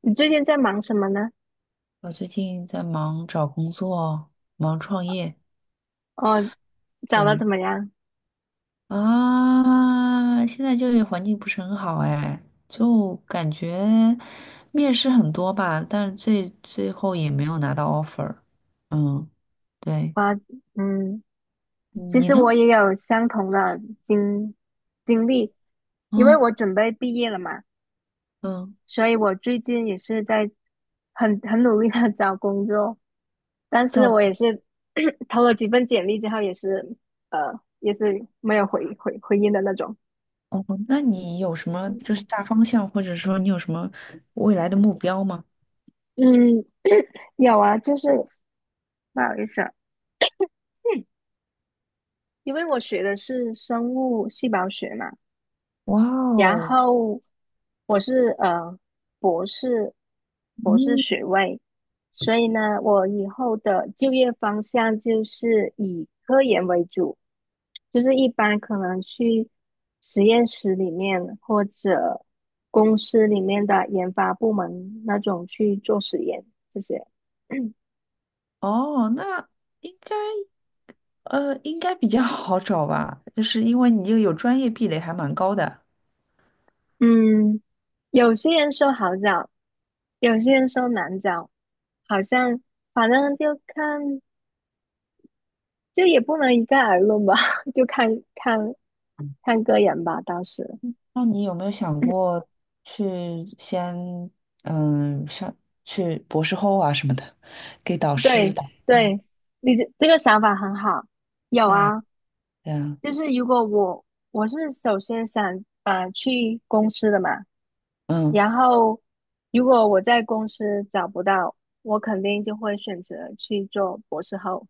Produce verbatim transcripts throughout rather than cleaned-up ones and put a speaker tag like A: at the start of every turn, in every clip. A: 你最近在忙什么呢？
B: 我最近在忙找工作，忙创业。
A: 哦，找了
B: 对
A: 怎么样？
B: 啊，现在就业环境不是很好哎，就感觉面试很多吧，但是最最后也没有拿到 offer。嗯，对，
A: 啊，嗯，其
B: 你
A: 实
B: 呢？
A: 我也有相同的经经历，因为
B: 嗯
A: 我准备毕业了嘛，
B: 嗯，
A: 所以我最近也是在很很努力的 找工作，但是
B: 找
A: 我也是 投了几份简历之后，也是呃，也是没有回回回音的那种。
B: 哦，那你有什么就是大方向，或者说你有什么未来的目标吗？
A: 嗯，有啊，就是不好意思啊，嗯因为我学的是生物细胞学嘛。
B: 哇
A: 然
B: 哦，
A: 后我是呃博士博士
B: 嗯，
A: 学位，所以呢，我以后的就业方向就是以科研为主，就是一般可能去实验室里面或者公司里面的研发部门那种去做实验这些。
B: 哦，那应该。呃，应该比较好找吧，就是因为你这个有专业壁垒还蛮高的。
A: 嗯，有些人说好找，有些人说难找，好像反正就看。就也不能一概而论吧，就看看看个人吧。当时，
B: 那你有没有想 过去先嗯上去博士后啊什么的，给导师
A: 对
B: 打？
A: 对，你这这个想法很好。有
B: 对啊，
A: 啊，
B: 对啊，
A: 就是如果我我是首先想呃去公司的嘛，
B: 嗯，
A: 然后如果我在公司找不到，我肯定就会选择去做博士后。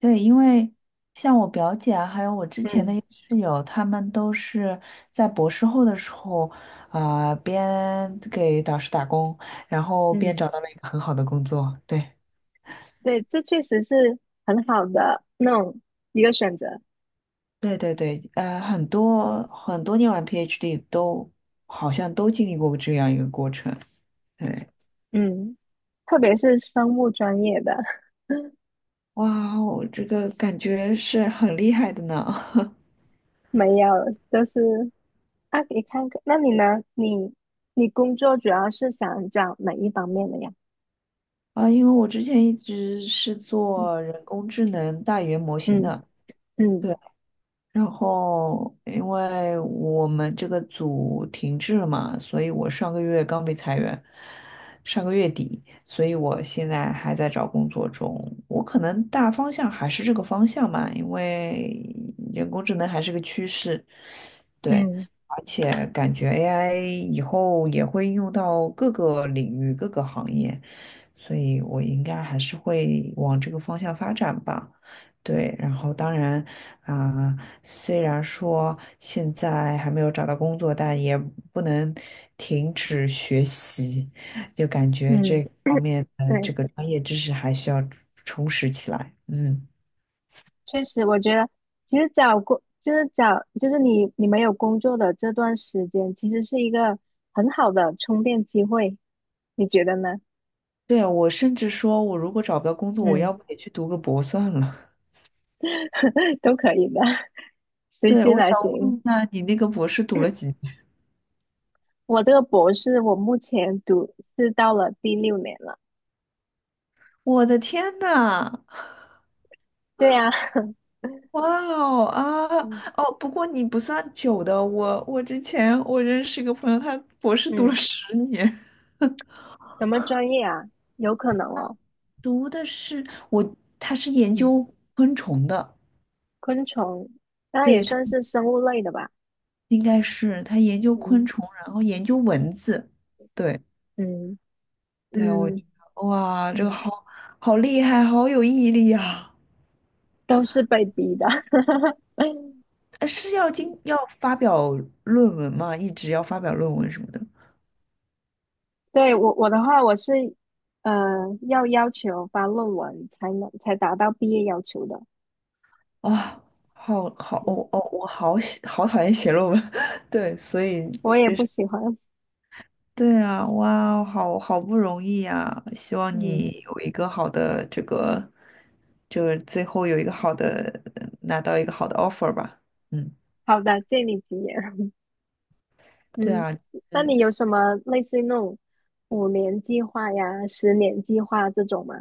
B: 对，因为像我表姐啊，还有我之前的
A: 嗯
B: 一个室友，他们都是在博士后的时候啊、边给导师打工，然后边
A: 嗯，
B: 找到了一个很好的工作。对，
A: 对，这确实是很好的那种一个选择。
B: 对对对，呃，很多很多念完 PhD 都好像都经历过这样一个过程。对，
A: 嗯，特别是生物专业的。
B: 哇，我这个感觉是很厉害的呢。
A: 没有，就是啊，你看看，那你呢？你你工作主要是想找哪一方面的呀？
B: 啊，因为我之前一直是做人工智能大语言模型
A: 嗯
B: 的。
A: 嗯
B: 对。然后因为我们这个组停滞了嘛，所以我上个月刚被裁员，上个月底，所以我现在还在找工作中。我可能大方向还是这个方向嘛，因为人工智能还是个趋势，对，
A: 嗯
B: 而且感觉 A I 以后也会应用到各个领域、各个行业，所以我应该还是会往这个方向发展吧。对，然后当然。啊、虽然说现在还没有找到工作，但也不能停止学习，就感觉这
A: 嗯，
B: 个方 面 的这
A: 对，
B: 个专业知识还需要充实起来。嗯，
A: 确实，我觉得其实找工就是找就是你你没有工作的这段时间，其实是一个很好的充电机会，你觉得呢？
B: 对，我甚至说，我如果找不到工作，我要
A: 嗯，
B: 不也去读个博算了。
A: 都可以的，随
B: 对，
A: 心
B: 我想
A: 来
B: 问
A: 行。
B: 一下，你那个博士读了几年？
A: 我这个博士，我目前读是到了第六年了。
B: 我的天呐！
A: 对呀、
B: 哇哦啊
A: 嗯
B: 哦，不过你不算久的，我我之前我认识一个朋友，他博士读了
A: 嗯。
B: 十年。
A: 什么专业啊？有可能哦。
B: 读的是我，他是研
A: 嗯，
B: 究昆虫的，
A: 昆虫，那也
B: 对，他
A: 算是生物类的吧？
B: 应该是他研究昆
A: 嗯
B: 虫，然后研究蚊子，对
A: 嗯
B: 对，我觉
A: 嗯
B: 得哇，这个
A: 嗯，
B: 好好厉害，好有毅力啊！
A: 都是被逼的。
B: 呃是要经要发表论文吗？一直要发表论文什么的
A: 对，我我的话，我是呃要要求发论文才能才达到毕业要求的。
B: 啊，好好，
A: 嗯，
B: 哦哦，我好喜好讨厌写论文，对，所以
A: 我也不喜欢。
B: 对啊，哇哦，好好不容易呀！希望
A: 嗯，
B: 你有一个好的这个，就是最后有一个好的，拿到一个好的 offer 吧。嗯，
A: 好的，借你吉言。
B: 对
A: 嗯，
B: 啊，
A: 那
B: 嗯，
A: 你有什么类似于那种五年计划呀、十年计划这种吗？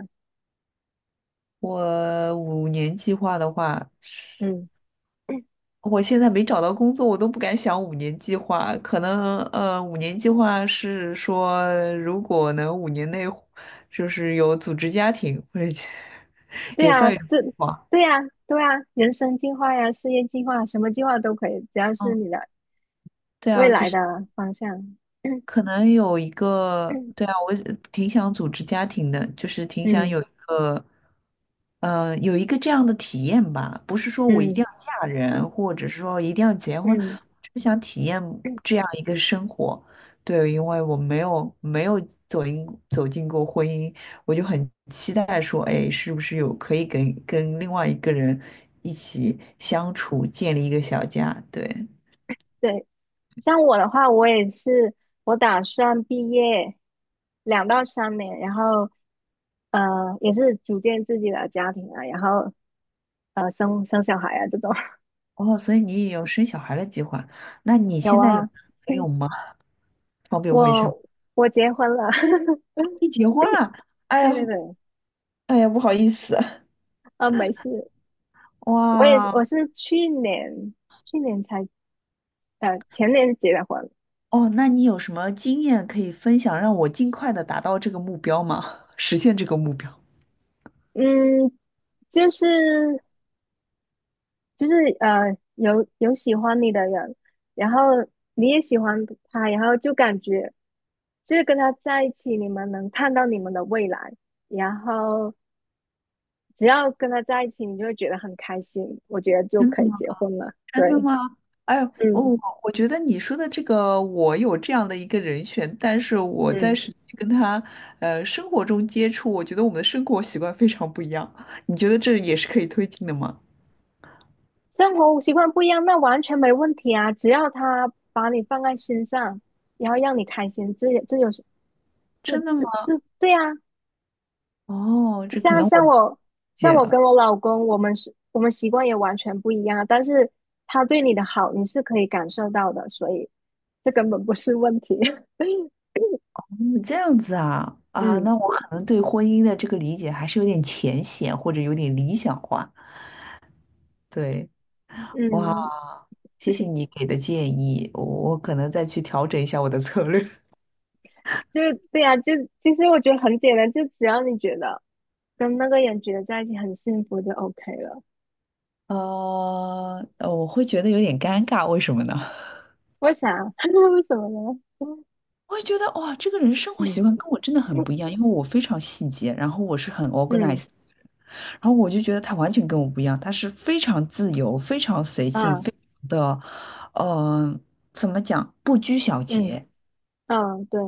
B: 我五年计划的话，
A: 嗯。
B: 我现在没找到工作，我都不敢想五年计划。可能呃，五年计划是说，如果能五年内就是有组织家庭，或者
A: 对
B: 也
A: 呀，
B: 算一种
A: 这
B: 计划
A: 对呀，对呀，人生计划呀，事业计划，什么计划都可以，只要是
B: 嗯，
A: 你的
B: 对
A: 未
B: 啊，就
A: 来
B: 是。
A: 的方向。
B: 可能有一个，
A: 嗯
B: 对啊，我挺想组织家庭的，就是挺想
A: 嗯
B: 有，呃，有一个这样的体验吧。不是说我一定要嫁人，或者是说一定要结婚，
A: 嗯，
B: 就是想体验
A: 嗯，
B: 这样一个生活。对，因为我没有没有走进走进过婚姻，我就很期待说，哎，是不是有可以跟跟另外一个人一起相处，建立一个小家？对，
A: 对，像我的话，我也是，我打算毕业两到三年，然后呃，也是组建自己的家庭啊，然后呃，生生小孩啊这种。
B: 哦，所以你也有生小孩的计划？那你
A: 有
B: 现在有
A: 啊，
B: 男朋友吗？方便问一下吗，
A: 我我结婚了，
B: 你结婚了？哎
A: 对对
B: 呀，
A: 对，
B: 哎呀，不好意思，
A: 啊，没事，我也
B: 哇，
A: 我是去年去年才呃，前年结的婚，
B: 哦，那你有什么经验可以分享，让我尽快的达到这个目标吗？实现这个目标？
A: 嗯，就是就是呃，有有喜欢你的人，然后你也喜欢他，然后就感觉就是跟他在一起，你们能看到你们的未来，然后只要跟他在一起，你就会觉得很开心，我觉得就
B: 真的
A: 可以结婚了。
B: 真的
A: 对，
B: 吗？哎呦，我
A: 嗯，
B: 我觉得你说的这个，我有这样的一个人选，但是我在
A: 嗯，
B: 实际跟他，呃，生活中接触，我觉得我们的生活习惯非常不一样。你觉得这也是可以推进的吗？
A: 生活习惯不一样，那完全没问题啊，只要他把你放在心上，然后让你开心，这也这有这这
B: 真的吗？
A: 这对啊，
B: 哦，这可
A: 像
B: 能我
A: 像
B: 理
A: 我像
B: 解
A: 我
B: 了。
A: 跟我老公，我们是我们习惯也完全不一样，但是他对你的好你是可以感受到的，所以这根本不是问题。
B: 嗯，这样子啊啊，
A: 嗯
B: 那我可能对婚姻的这个理解还是有点浅显，或者有点理想化。对，哇，
A: 嗯，
B: 谢谢你给的建议，我我可能再去调整一下我的策略。
A: 就对呀、就其实我觉得很简单，就只要你觉得跟那个人觉得在一起很幸福就 OK 了。
B: 呃，呃我会觉得有点尴尬，为什么呢？
A: 为啥？为什么呢？
B: 我会觉得哇，这个人生活
A: 嗯
B: 习惯跟我真的很不一样，因为我非常细节，然后我是很
A: 嗯
B: organized，然后我就觉得他完全跟我不一样，他是非常自由、非常随性、
A: 啊
B: 非常的，嗯，怎么讲，不拘小
A: 嗯
B: 节。
A: 嗯，对。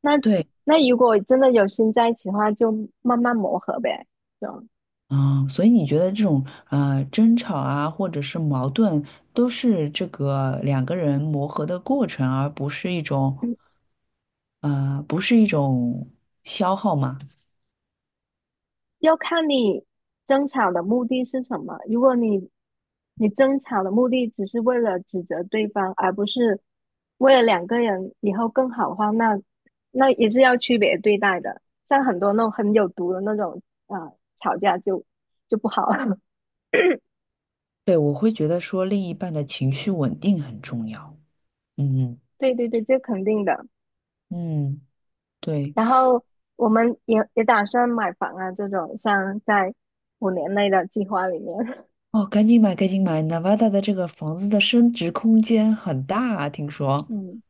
A: 那
B: 对，
A: 那如果真的有心在一起的话，就慢慢磨合呗。就
B: 嗯，所以你觉得这种呃争吵啊，或者是矛盾，都是这个两个人磨合的过程，而不是一种呃，不是一种消耗吗？
A: 要看你争吵的目的是什么。如果你你争吵的目的只是为了指责对方，而不是为了两个人以后更好的话，那那也是要区别对待的。像很多那种很有毒的那种啊、呃吵架就就不好了。
B: 对，我会觉得说另一半的情绪稳定很重要。嗯
A: 对对对，这肯定的。
B: 嗯，对，
A: 然后我们也也打算买房啊，这种像在五年内的计划里面。
B: 哦，赶紧买，赶紧买，Nevada 的这个房子的升值空间很大啊听 说。
A: 嗯，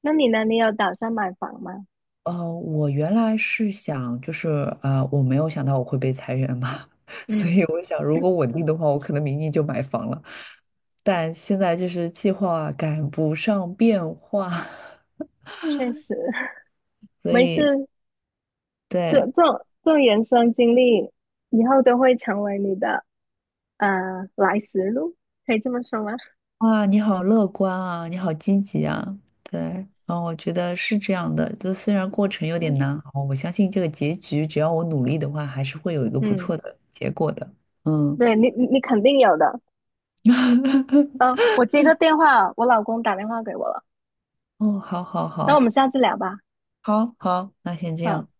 A: 那你呢？你有打算买房吗？
B: 呃，我原来是想，就是呃，我没有想到我会被裁员嘛，所
A: 嗯，
B: 以我想，如果稳定的话，我可能明年就买房了。但现在就是计划赶不上变化，
A: 确实，
B: 所
A: 没
B: 以
A: 事，这
B: 对，
A: 这种这种人生经历，以后都会成为你的呃来时路，可以这么说吗？
B: 哇，你好乐观啊，你好积极啊，对，啊，我觉得是这样的，就虽然过程有点 难熬，我相信这个结局，只要我努力的话，还是会有一个不
A: 嗯，
B: 错的结果的，嗯，
A: 对你你你肯定有的。嗯，我接个电话，我老公打电话给我了，
B: 哦，好好
A: 那我
B: 好。
A: 们下次聊吧。
B: 好好，那先这
A: 好。
B: 样。